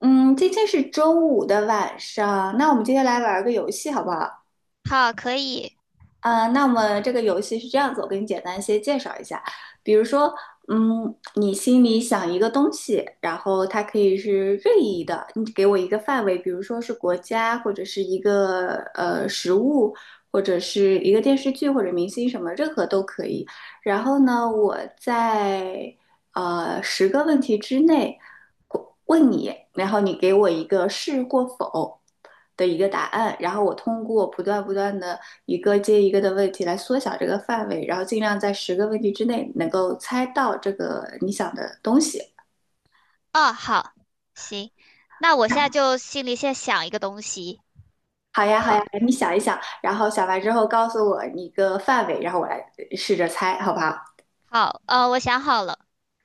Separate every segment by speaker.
Speaker 1: 嗯，今天是周五的晚上，那我们今天来玩儿个游戏好不好？
Speaker 2: 好，可以。
Speaker 1: 啊、那么这个游戏是这样子，我给你简单先介绍一下。比如说，嗯，你心里想一个东西，然后它可以是任意的，你给我一个范围，比如说是国家，或者是一个食物，或者是一个电视剧或者明星什么，任何都可以。然后呢，我在十个问题之内。问你，然后你给我一个是或否的一个答案，然后我通过不断的一个接一个的问题来缩小这个范围，然后尽量在十个问题之内能够猜到这个你想的东西。
Speaker 2: 哦，好，行。那我现在就心里先想一个东西。
Speaker 1: 好呀，好呀，
Speaker 2: 好，
Speaker 1: 你想一想，然后想完之后告诉我一个范围，然后我来试着猜，好不好？
Speaker 2: 好，我想好了。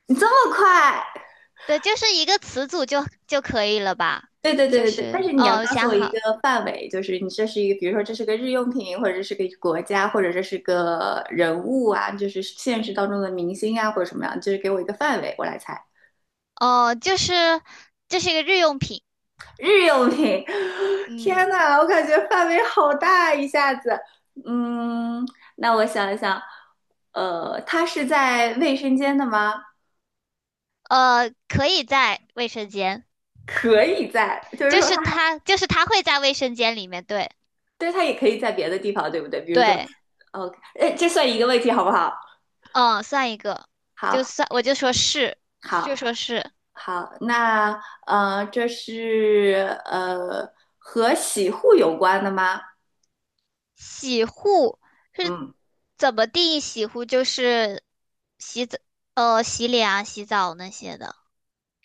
Speaker 1: 你这么快？
Speaker 2: 对，就是一个词组就可以了吧？
Speaker 1: 对对对
Speaker 2: 就
Speaker 1: 对对，但
Speaker 2: 是，
Speaker 1: 是你要
Speaker 2: 哦，我
Speaker 1: 告诉
Speaker 2: 想
Speaker 1: 我一
Speaker 2: 好，
Speaker 1: 个范围，就是你这是一个，比如说这是个日用品，或者这是个国家，或者这是个人物啊，就是现实当中的明星啊，或者什么样，就是给我一个范围，我来猜。
Speaker 2: 哦，就是这是一个日用品。
Speaker 1: 日用品，
Speaker 2: 嗯，
Speaker 1: 天呐，我感觉范围好大，一下子。嗯，那我想一想，它是在卫生间的吗？
Speaker 2: 可以在卫生间。
Speaker 1: 可以在，就是说它，
Speaker 2: 就是它会在卫生间里面，对。
Speaker 1: 对，它也可以在别的地方，对不对？比如说
Speaker 2: 对，
Speaker 1: ，OK,哎，这算一个问题，好不好？
Speaker 2: 嗯，算一个。就
Speaker 1: 好，
Speaker 2: 算，我就说是，
Speaker 1: 好。
Speaker 2: 就说是。
Speaker 1: 好，那这是和洗护有关的吗？
Speaker 2: 洗护是
Speaker 1: 嗯，
Speaker 2: 怎么定义洗护？就是洗澡，洗脸啊、洗澡那些的。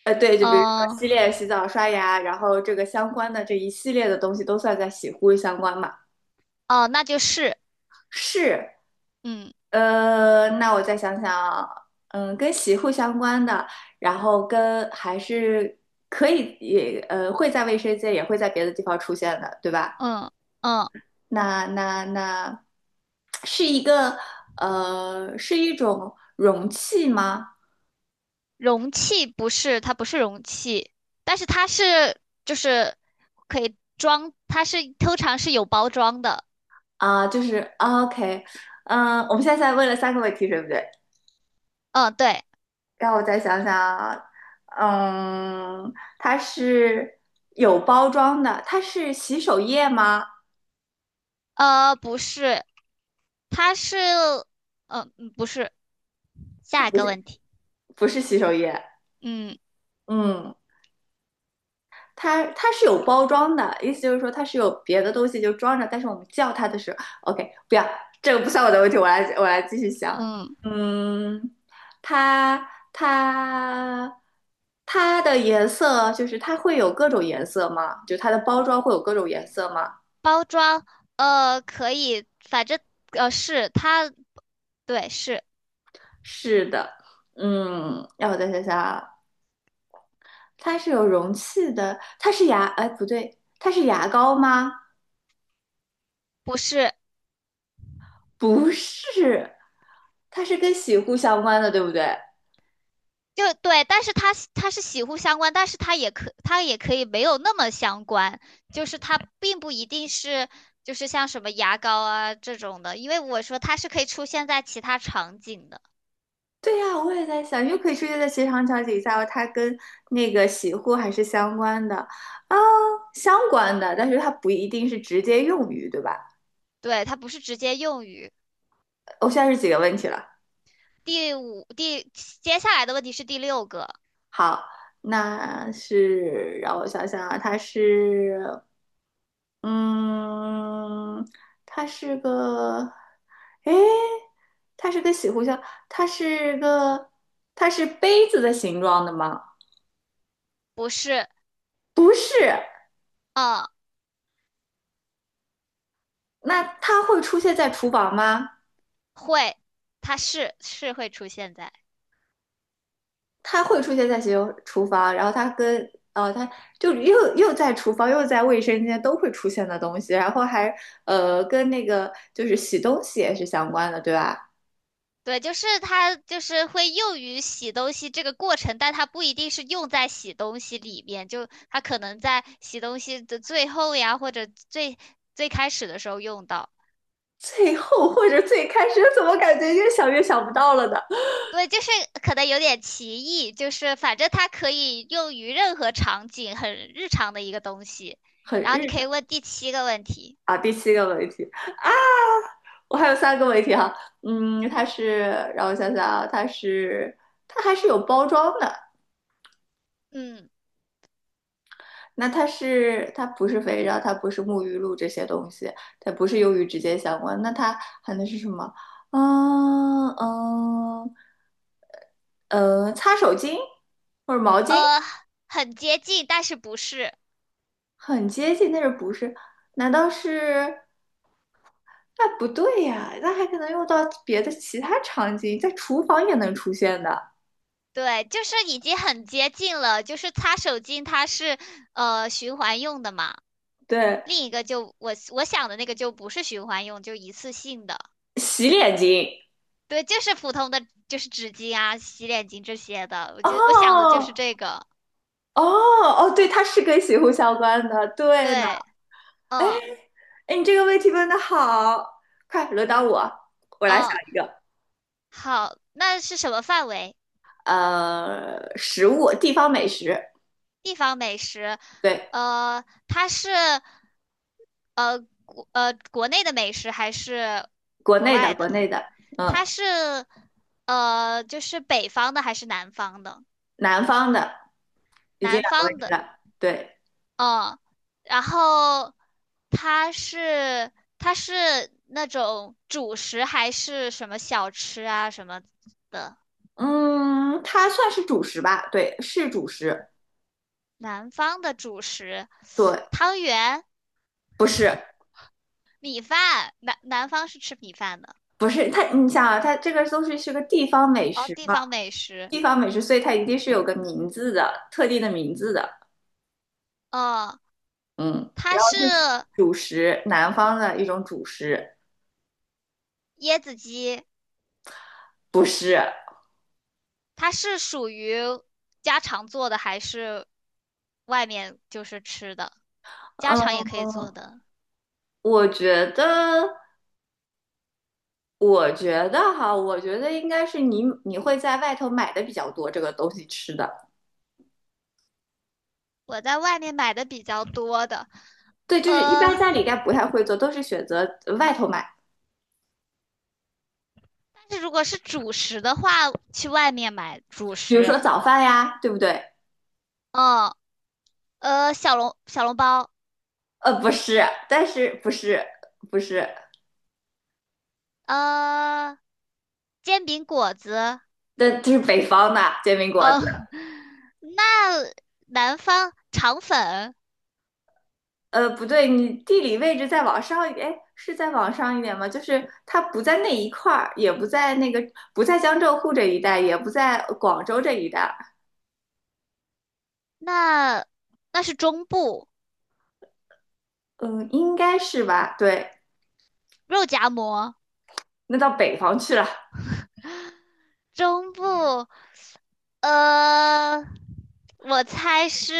Speaker 1: 对，就比如说
Speaker 2: 嗯，
Speaker 1: 洗脸、洗澡、刷牙，然后这个相关的这一系列的东西都算在洗护相关嘛？
Speaker 2: 哦，那就是，
Speaker 1: 是，
Speaker 2: 嗯
Speaker 1: 那我再想想，嗯，跟洗护相关的，然后跟还是可以也会在卫生间，也会在别的地方出现的，对吧？
Speaker 2: 嗯嗯，
Speaker 1: 那是一个是一种容器吗？
Speaker 2: 容器不是，它不是容器，但是它是就是可以装，它是通常是有包装的。
Speaker 1: 啊，就是啊 OK,嗯，我们现在在问了三个问题，对不对？
Speaker 2: 嗯，对，
Speaker 1: 让我再想想啊嗯，它是有包装的，它是洗手液吗？
Speaker 2: 不是，它是，不是。下一个问题。
Speaker 1: 不是洗手液，
Speaker 2: 嗯
Speaker 1: 嗯，它是有包装的，意思就是说它是有别的东西就装着，但是我们叫它的时候，OK,不要，这个不算我的问题，我来继续想。
Speaker 2: 嗯。
Speaker 1: 嗯，它它的颜色就是它会有各种颜色吗？就它的包装会有各种颜色吗？
Speaker 2: 包装，可以，反正是它，对，是。
Speaker 1: 是的，嗯，让我再想想啊，它是有容器的，它是牙，哎，不对，它是牙膏吗？
Speaker 2: 不是
Speaker 1: 不是，它是跟洗护相关的，对不对？
Speaker 2: 就对？但是它是洗护相关，但是它也可以没有那么相关，就是它并不一定是就是像什么牙膏啊这种的，因为我说它是可以出现在其他场景的。
Speaker 1: 对呀，我也在想，又可以出现在职场场景下，它跟那个洗护还是相关的啊，相关的，但是它不一定是直接用于，对吧？
Speaker 2: 对，它不是直接用于。
Speaker 1: 我现在是几个问题了？
Speaker 2: 第五第接下来的问题是第六个。
Speaker 1: 好，那是让我想想啊，它是，嗯，它是个，诶，它是个洗护箱，它是个，它是杯子的形状的吗？
Speaker 2: 不是。
Speaker 1: 不是，
Speaker 2: 嗯，
Speaker 1: 那它会出现在厨房吗？
Speaker 2: 会，它是会出现在。
Speaker 1: 他会出现在洗手厨房，然后他跟他就又在厨房又在卫生间都会出现的东西，然后还跟那个就是洗东西也是相关的，对吧？
Speaker 2: 对，就是它就是会用于洗东西这个过程，但它不一定是用在洗东西里面，就它可能在洗东西的最后呀，或者最开始的时候用到。
Speaker 1: 最后或者最开始怎么感觉越想越想不到了呢？
Speaker 2: 对，就是可能有点歧义，就是反正它可以用于任何场景，很日常的一个东西。
Speaker 1: 很
Speaker 2: 然后你
Speaker 1: 日
Speaker 2: 可
Speaker 1: 常
Speaker 2: 以问第七个问题。
Speaker 1: 啊。第七个问题啊，我还有三个问题哈、
Speaker 2: 嗯
Speaker 1: 嗯，它是让我想想啊，它是它还是有包装的，
Speaker 2: 嗯，
Speaker 1: 那它是它不是肥皂，它不是沐浴露这些东西，它不是由于直接相关。那它含能是什么？嗯嗯擦手巾或者毛巾，
Speaker 2: 呃，很接近，但是不是。
Speaker 1: 很接近，但是不是？难道是？那不对呀，那还可能用到别的其他场景，在厨房也能出现的。
Speaker 2: 对，就是已经很接近了，就是擦手巾它是循环用的嘛，
Speaker 1: 对，
Speaker 2: 另一个就我想的那个就不是循环用，就一次性的。
Speaker 1: 洗脸巾。
Speaker 2: 对，就是普通的就是纸巾啊、洗脸巾这些的，我就我想的就
Speaker 1: 哦
Speaker 2: 是这个。
Speaker 1: 哦哦，对，它是跟洗护相关的。对呢。
Speaker 2: 对，嗯
Speaker 1: 哎，你这个问题问的好，快轮到我，我来想
Speaker 2: 嗯。
Speaker 1: 一个。
Speaker 2: 好，那是什么范围？
Speaker 1: 食物，地方美食，
Speaker 2: 地方美食。
Speaker 1: 对，
Speaker 2: 它是呃国内的美食还是
Speaker 1: 国
Speaker 2: 国
Speaker 1: 内的，
Speaker 2: 外
Speaker 1: 国
Speaker 2: 的？
Speaker 1: 内的，
Speaker 2: 它
Speaker 1: 嗯，
Speaker 2: 是就是北方的还是南方的？
Speaker 1: 南方的，已经
Speaker 2: 南
Speaker 1: 两个问
Speaker 2: 方
Speaker 1: 题
Speaker 2: 的。
Speaker 1: 了，对，
Speaker 2: 嗯，然后它是它是那种主食还是什么小吃啊什么的？
Speaker 1: 嗯，它算是主食吧？对，是主食，
Speaker 2: 南方的主食，
Speaker 1: 对，
Speaker 2: 汤圆、
Speaker 1: 不是，
Speaker 2: 米饭，南方是吃米饭的。
Speaker 1: 不是，它，你想啊，它这个都是是个地方美
Speaker 2: 哦，
Speaker 1: 食
Speaker 2: 地
Speaker 1: 嘛，
Speaker 2: 方美食。
Speaker 1: 地方美食，所以它一定是有个名字的，特定的名字的，
Speaker 2: 嗯，
Speaker 1: 嗯，
Speaker 2: 它是
Speaker 1: 是主食，南方的一种主食，
Speaker 2: 椰子鸡。
Speaker 1: 不是。
Speaker 2: 它是属于家常做的还是外面就是吃的？家常
Speaker 1: 嗯。
Speaker 2: 也可以做的。
Speaker 1: 我觉得，我觉得哈，我觉得应该是你会在外头买的比较多这个东西吃的。
Speaker 2: 我在外面买的比较多的。
Speaker 1: 对，就是一
Speaker 2: 呃，
Speaker 1: 般家里应该不太会做，都是选择外头买，
Speaker 2: 但是如果是主食的话，去外面买主
Speaker 1: 比如说
Speaker 2: 食。
Speaker 1: 早饭呀，对不对？
Speaker 2: 嗯，小笼包。
Speaker 1: 不是，但是不是不是，
Speaker 2: 呃，煎饼果子。
Speaker 1: 但就是北方的煎饼果子。
Speaker 2: 哦，那南方肠粉。
Speaker 1: 呃，不对，你地理位置再往上一点，哎，是再往上一点吗？就是它不在那一块儿，也不在那个不在江浙沪这一带，也不在广州这一带，
Speaker 2: 那那是中部
Speaker 1: 嗯，应该是吧？对。
Speaker 2: 肉夹馍。
Speaker 1: 那到北方去了，
Speaker 2: 中部呃，我猜是，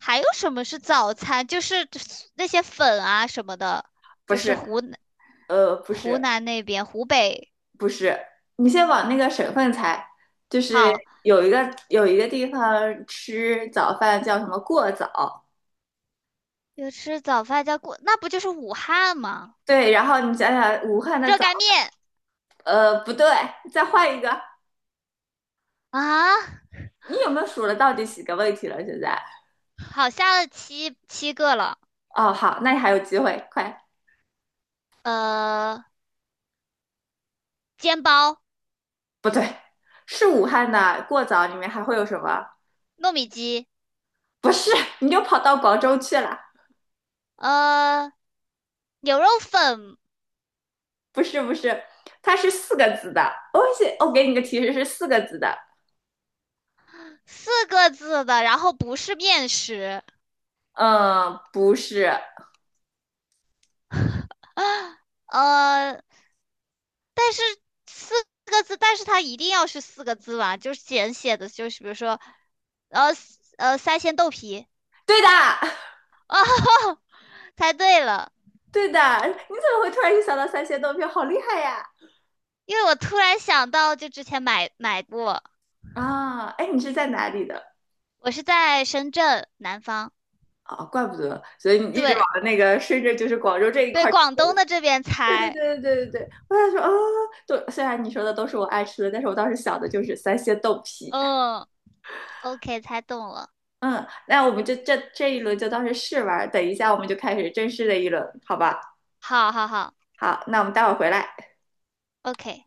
Speaker 2: 还有什么是早餐？就是那些粉啊什么的。
Speaker 1: 不
Speaker 2: 就是
Speaker 1: 是，不
Speaker 2: 湖
Speaker 1: 是，
Speaker 2: 南那边湖北。
Speaker 1: 不是，你先往那个省份猜，就是
Speaker 2: 好，
Speaker 1: 有一个有一个地方吃早饭叫什么过早，
Speaker 2: 有吃早饭叫过，那不就是武汉吗？
Speaker 1: 对，然后你想想武汉的
Speaker 2: 热
Speaker 1: 早，
Speaker 2: 干面
Speaker 1: 呃，不对，再换一个，
Speaker 2: 啊。
Speaker 1: 你有没有数了到底几个问题了？现在，
Speaker 2: 好，下了七个了。
Speaker 1: 哦，好，那你还有机会，快，
Speaker 2: 呃，煎包、
Speaker 1: 不对，是武汉的过早里面还会有什么？
Speaker 2: 糯米鸡，
Speaker 1: 不是，你就跑到广州去了，
Speaker 2: 呃，牛肉粉。
Speaker 1: 不是，不是，它是四个字的，我写，我给你个提示，是四个字的。
Speaker 2: 四个字的，然后不是面食。
Speaker 1: 嗯，不是，
Speaker 2: 呃，但是四个字，但是它一定要是四个字吧？就是简写的，就是比如说，呃三鲜豆皮。
Speaker 1: 对的，
Speaker 2: 哦，猜对了。
Speaker 1: 对的。你怎么会突然就想到三鲜豆皮？好厉害呀！
Speaker 2: 因为我突然想到，就之前买过。
Speaker 1: 啊，哎，你是在哪里的？
Speaker 2: 我是在深圳南方。
Speaker 1: 啊，怪不得，所以你一直往
Speaker 2: 对
Speaker 1: 那个顺着就是广州这一
Speaker 2: 对，
Speaker 1: 块儿。
Speaker 2: 广东的这边
Speaker 1: 对对
Speaker 2: 猜。
Speaker 1: 对对对对对，我想说啊，都虽然你说的都是我爱吃的，但是我当时想的就是三鲜豆皮。
Speaker 2: 嗯，OK，猜中了。
Speaker 1: 嗯，那我们就这一轮就当是试玩等一下我们就开始正式的一轮，好吧？
Speaker 2: 好好好
Speaker 1: 好，那我们待会儿回来。
Speaker 2: ，OK。